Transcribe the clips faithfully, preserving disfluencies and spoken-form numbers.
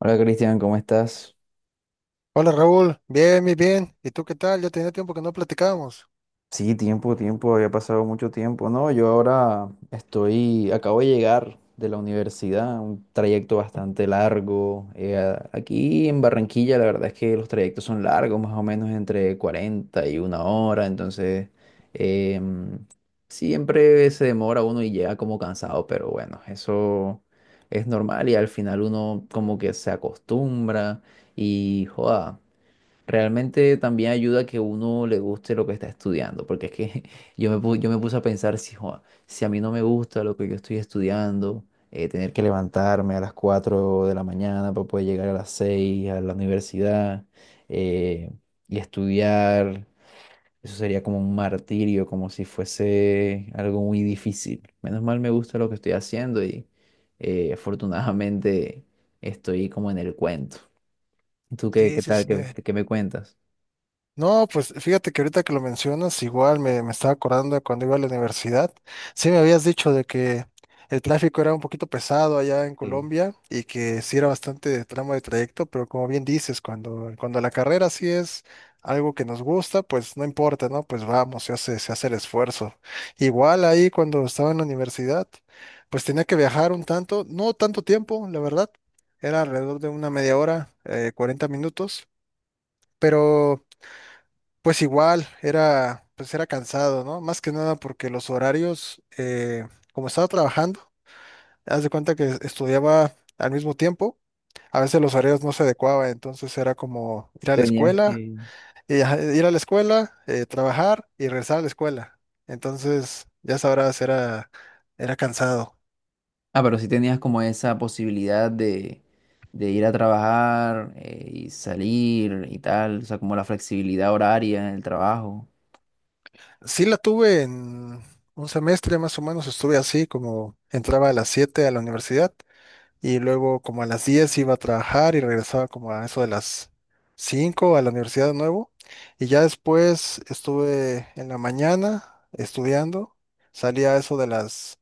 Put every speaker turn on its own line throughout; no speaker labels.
Hola Cristian, ¿cómo estás?
Hola Raúl, bien, bien, bien. ¿Y tú qué tal? Ya tenía tiempo que no platicábamos.
Sí, tiempo, tiempo, había pasado mucho tiempo. No, yo ahora estoy, acabo de llegar de la universidad, un trayecto bastante largo. Eh, a- aquí en Barranquilla la verdad es que los trayectos son largos, más o menos entre cuarenta y una hora, entonces em, siempre se demora uno y llega como cansado, pero bueno, eso es normal y al final uno como que se acostumbra y joda. Realmente también ayuda a que uno le guste lo que está estudiando, porque es que yo me, pu- yo me puse a pensar si, "Joa, si a mí no me gusta lo que yo estoy estudiando, eh, tener que levantarme a las cuatro de la mañana para poder llegar a las seis a la universidad eh, y estudiar, eso sería como un martirio, como si fuese algo muy difícil. Menos mal me gusta lo que estoy haciendo y eh, afortunadamente estoy como en el cuento. ¿Tú qué,
Sí,
qué
sí,
tal?
sí.
¿Qué, qué me cuentas?
No, pues fíjate que ahorita que lo mencionas, igual me, me estaba acordando de cuando iba a la universidad. Sí, me habías dicho de que el tráfico era un poquito pesado allá en Colombia y que sí era bastante de tramo de trayecto, pero como bien dices, cuando, cuando la carrera sí es algo que nos gusta, pues no importa, ¿no? Pues vamos, se hace, se hace el esfuerzo. Igual ahí cuando estaba en la universidad, pues tenía que viajar un tanto, no tanto tiempo, la verdad, era alrededor de una media hora, eh, cuarenta minutos, pero... Pues igual, era, pues era cansado, ¿no? Más que nada porque los horarios, eh, como estaba trabajando, haz de cuenta que estudiaba al mismo tiempo, a veces los horarios no se adecuaban, entonces era como ir a la
Tenías
escuela,
que...
y ajá, ir a la escuela, eh, trabajar y regresar a la escuela. Entonces, ya sabrás, era, era cansado.
Ah, pero sí tenías como esa posibilidad de, de ir a trabajar eh, y salir y tal, o sea, como la flexibilidad horaria en el trabajo.
Sí la tuve en un semestre más o menos, estuve así, como entraba a las siete a la universidad y luego como a las diez iba a trabajar y regresaba como a eso de las cinco a la universidad de nuevo. Y ya después estuve en la mañana estudiando, salía a eso de las,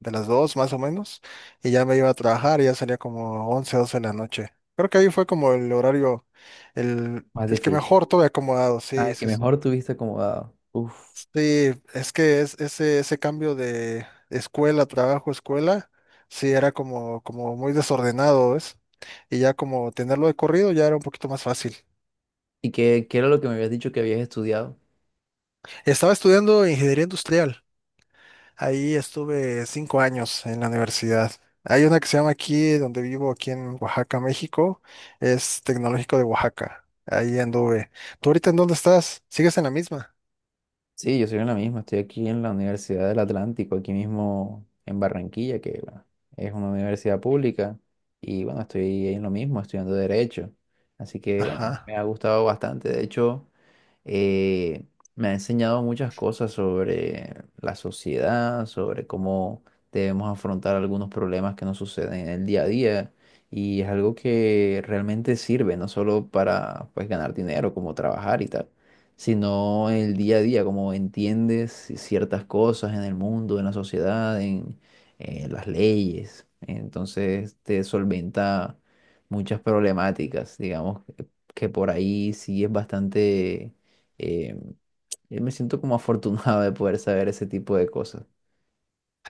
de las dos más o menos, y ya me iba a trabajar y ya salía como once doce de la noche. Creo que ahí fue como el horario, el,
Más
el que
difícil.
mejor tuve acomodado,
Ah,
sí,
que
sí, sí.
mejor tuviste acomodado. Uf.
Sí, es que es, ese, ese cambio de escuela, trabajo, escuela, sí era como, como muy desordenado, ¿ves? Y ya como tenerlo de corrido ya era un poquito más fácil.
¿Y qué, qué era lo que me habías dicho que habías estudiado?
Estaba estudiando ingeniería industrial. Ahí estuve cinco años en la universidad. Hay una que se llama aquí, donde vivo, aquí en Oaxaca, México. Es Tecnológico de Oaxaca. Ahí anduve. ¿Tú ahorita en dónde estás? ¿Sigues en la misma?
Sí, yo soy en la misma, estoy aquí en la Universidad del Atlántico, aquí mismo en Barranquilla, que bueno, es una universidad pública, y bueno, estoy en lo mismo, estudiando Derecho. Así que bueno, me
Ajá.
ha gustado bastante, de hecho, eh, me ha enseñado muchas cosas sobre la sociedad, sobre cómo debemos afrontar algunos problemas que nos suceden en el día a día, y es algo que realmente sirve, no solo para pues ganar dinero, como trabajar y tal sino en el día a día, como entiendes ciertas cosas en el mundo, en la sociedad, en, eh, las leyes. Entonces te solventa muchas problemáticas, digamos, que que por ahí sí es bastante... eh, yo me siento como afortunado de poder saber ese tipo de cosas.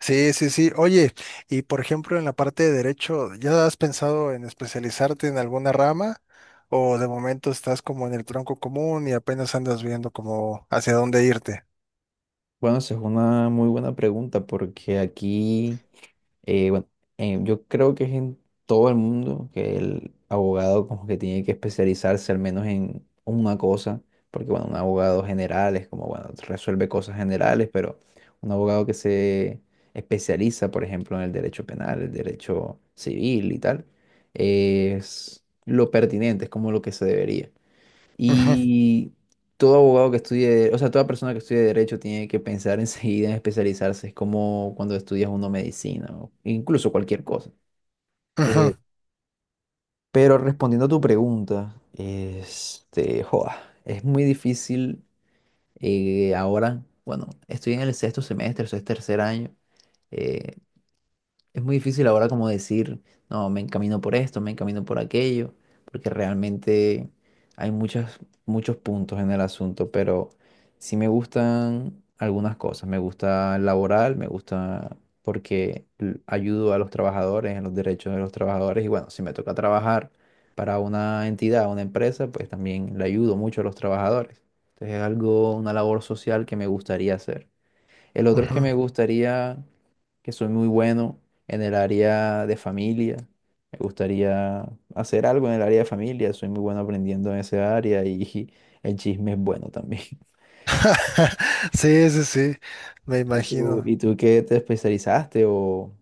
Sí, sí, sí. Oye, y por ejemplo, en la parte de derecho, ¿ya has pensado en especializarte en alguna rama? ¿O de momento estás como en el tronco común y apenas andas viendo como hacia dónde irte?
Bueno, esa es una muy buena pregunta porque aquí... Eh, bueno, eh, yo creo que es en todo el mundo que el abogado como que tiene que especializarse al menos en una cosa, porque bueno, un abogado general es como, bueno, resuelve cosas generales, pero un abogado que se especializa, por ejemplo, en el derecho penal, el derecho civil y tal, es lo pertinente, es como lo que se debería.
Ujú,
Y todo abogado que estudie, o sea, toda persona que estudie derecho tiene que pensar enseguida en especializarse. Es como cuando estudias uno medicina o incluso cualquier cosa.
ujú,
Eh, pero respondiendo a tu pregunta, este, joa, es muy difícil eh, ahora. Bueno, estoy en el sexto semestre, eso es tercer año. eh, Es muy difícil ahora como decir, no, me encamino por esto, me encamino por aquello, porque realmente hay muchas, muchos puntos en el asunto, pero sí me gustan algunas cosas. Me gusta el laboral, me gusta porque l- ayudo a los trabajadores, en los derechos de los trabajadores, y bueno, si me toca trabajar para una entidad, una empresa, pues también le ayudo mucho a los trabajadores. Entonces es algo, una labor social que me gustaría hacer. El otro es que
ujú.
me gustaría que soy muy bueno en el área de familia. Me gustaría hacer algo en el área de familia. Soy muy bueno aprendiendo en esa área y el chisme es bueno también.
Sí, sí, sí, me
¿Y tú,
imagino.
y tú qué te especializaste o...?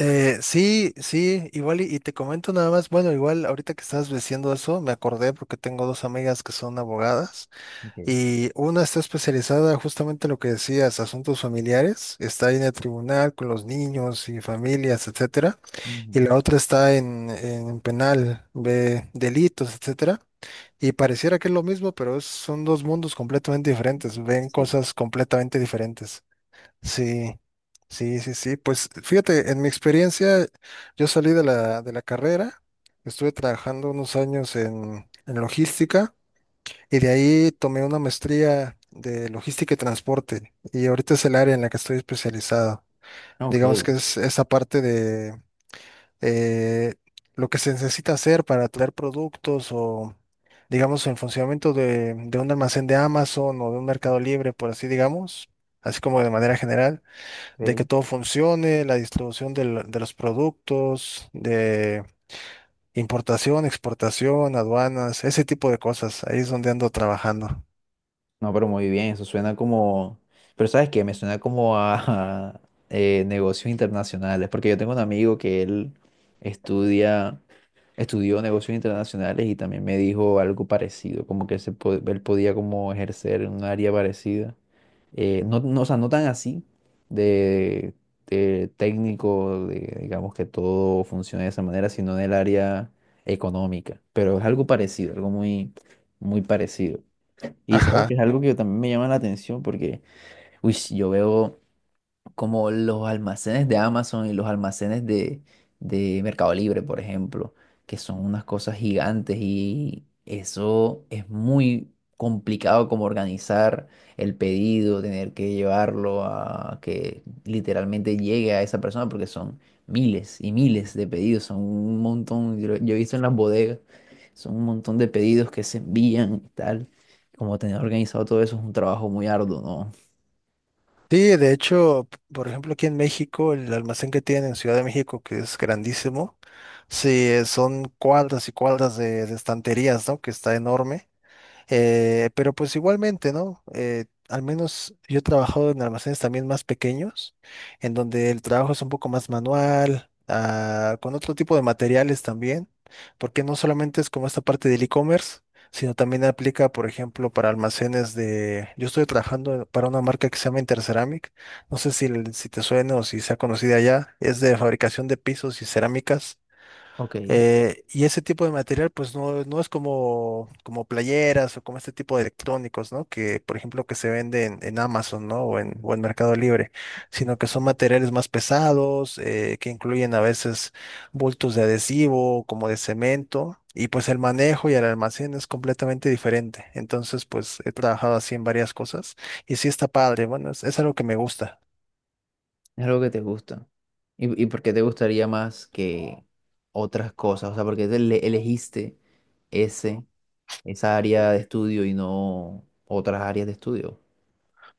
Eh, sí, sí, igual y, y te comento nada más, bueno, igual ahorita que estabas diciendo eso, me acordé porque tengo dos amigas que son abogadas.
Ok.
Y una está especializada justamente en lo que decías, asuntos familiares, está ahí en el tribunal con los niños y familias, etcétera. Y
Ujú.
la otra está en, en penal, ve delitos, etcétera. Y pareciera que es lo mismo, pero es- son dos mundos completamente diferentes, ven
Sí.
cosas completamente diferentes. Sí, sí, sí, sí. Pues fíjate, en mi experiencia, yo salí de la, de la carrera, estuve trabajando unos años en, en logística y de ahí tomé una maestría de logística y transporte. Y ahorita es el área en la que estoy especializado.
Ok,
Digamos que es esa parte de eh, lo que se necesita hacer para traer productos o, digamos, el funcionamiento de, de un almacén de Amazon o de un mercado libre, por así digamos, así como de manera general, de
ok.
que todo funcione, la distribución del- de los productos, de importación, exportación, aduanas, ese tipo de cosas. Ahí es donde ando trabajando.
No, pero muy bien, eso suena como... Pero ¿sabes qué? Me suena como a, eh, negocios internacionales, porque yo tengo un amigo que él estudia estudió negocios internacionales y también me dijo algo parecido, como que se po- él podía como ejercer en un área parecida. Eh, no, no, o sea, no tan así de, de técnico, de, digamos que todo funcione de esa manera, sino en el área económica. Pero es algo parecido, algo muy, muy parecido. Y sabes
Ajá.
que es algo que también me llama la atención porque, uy, yo veo como los almacenes de Amazon y los almacenes de, de Mercado Libre, por ejemplo, que son unas cosas gigantes y eso es muy complicado como organizar el pedido, tener que llevarlo a que literalmente llegue a esa persona porque son miles y miles de pedidos, son un montón, yo, yo he visto en las bodegas, son un montón de pedidos que se envían y tal. Como tener organizado todo eso es un trabajo muy arduo, ¿no?
Sí, de hecho, p- por ejemplo, aquí en México, el almacén que tienen en Ciudad de México, que es grandísimo, sí, eh, son cuadras y cuadras de, de estanterías, ¿no? Que está enorme. Eh, pero pues igualmente, ¿no? Eh, al menos yo he trabajado en almacenes también más pequeños, en donde el trabajo es un poco más manual, ah, con otro tipo de materiales también, porque no solamente es como esta parte del e-commerce, sino también aplica, por ejemplo, para almacenes de... Yo estoy trabajando para una marca que se llama Interceramic, no sé si, si te suena o si sea conocida ya, es de fabricación de pisos y cerámicas.
Ok.
Eh, y ese tipo de material, pues no, no es como, como, playeras o como este tipo de electrónicos, ¿no? Que, por ejemplo, que se venden en Amazon, ¿no? O en, o en Mercado Libre, sino que son materiales más pesados, eh, que incluyen a veces bultos de adhesivo, como de cemento, y pues el manejo y el almacén es completamente diferente. Entonces, pues he trabajado así en varias cosas y sí está padre, bueno, es, es algo que me gusta.
Es algo que te gusta. ¿Y, y por qué te gustaría más que otras cosas? O sea, ¿por qué te ele- elegiste ese, esa área de estudio y no otras áreas de estudio?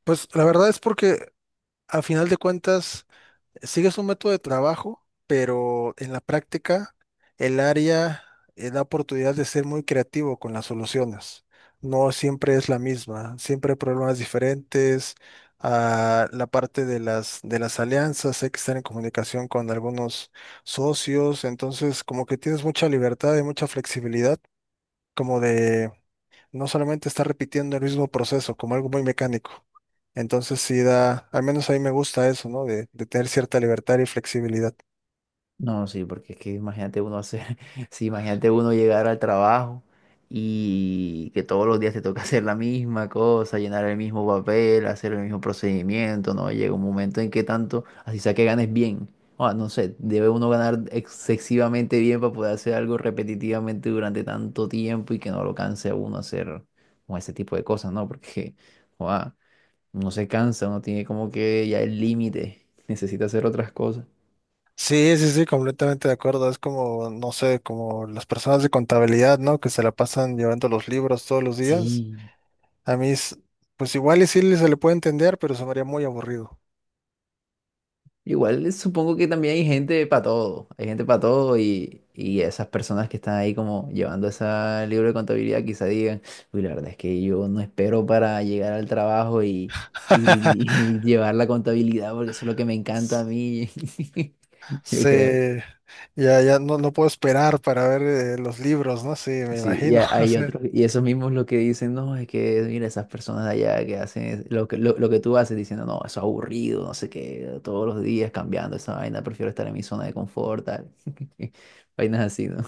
Pues la verdad es porque a final de cuentas sigues un método de trabajo, pero en la práctica el área eh, da oportunidad de ser muy creativo con las soluciones. No siempre es la misma, siempre hay problemas diferentes. Ah, la parte de las, de las alianzas, hay que estar en comunicación con algunos socios, entonces como que tienes mucha libertad y mucha flexibilidad como de no solamente está repitiendo el mismo proceso como algo muy mecánico. Entonces sí da, al menos a mí me gusta eso, ¿no? De, de tener cierta libertad y flexibilidad.
No, sí, porque es que imagínate uno hacer, sí, imagínate uno llegar al trabajo y que todos los días te toca hacer la misma cosa, llenar el mismo papel, hacer el mismo procedimiento, ¿no? Llega un momento en que tanto, así sea que ganes bien, o no sé, debe uno ganar excesivamente bien para poder hacer algo repetitivamente durante tanto tiempo y que no lo canse a uno hacer como ese tipo de cosas, ¿no? Porque, joda, uno se cansa, uno tiene como que ya el límite, necesita hacer otras cosas.
Sí, sí, sí, completamente de acuerdo. Es como, no sé, como las personas de contabilidad, ¿no? Que se la pasan llevando los libros todos los días.
Sí,
A mí, es- pues igual y sí le- se le puede entender, pero se me haría muy aburrido.
Igual eh, supongo que también hay gente para todo, hay gente para todo y, y esas personas que están ahí como llevando ese libro de contabilidad quizá digan, uy, la verdad es que yo no espero para llegar al trabajo y, y- y llevar la contabilidad porque eso es lo que me encanta a mí, yo creo.
Se, ya, ya no, no puedo esperar para ver eh, los libros, ¿no? Sí, me
Sí, y
imagino.
ha- hay
sí.
otros, y esos mismos lo que dicen, no, es que mira, esas personas de allá que hacen es- lo que, lo, lo que tú haces diciendo, no, eso es aburrido, no sé qué, todos los días cambiando esa vaina, prefiero estar en mi zona de confort, tal. Vainas así, ¿no?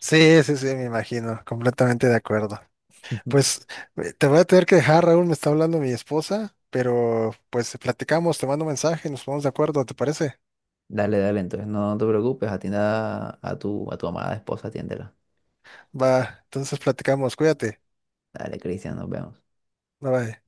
Sí, sí, sí, me imagino, completamente de acuerdo. Pues eh, te voy a tener que dejar, Raúl, me está hablando mi esposa, pero pues platicamos, te mando mensaje, nos ponemos de acuerdo, ¿te parece?
Dale, dale, entonces no, no te preocupes, atienda a tu, a tu amada esposa, atiéndela.
Va, entonces platicamos, cuídate,
Dale, Cristian, nos vemos.
bye bye.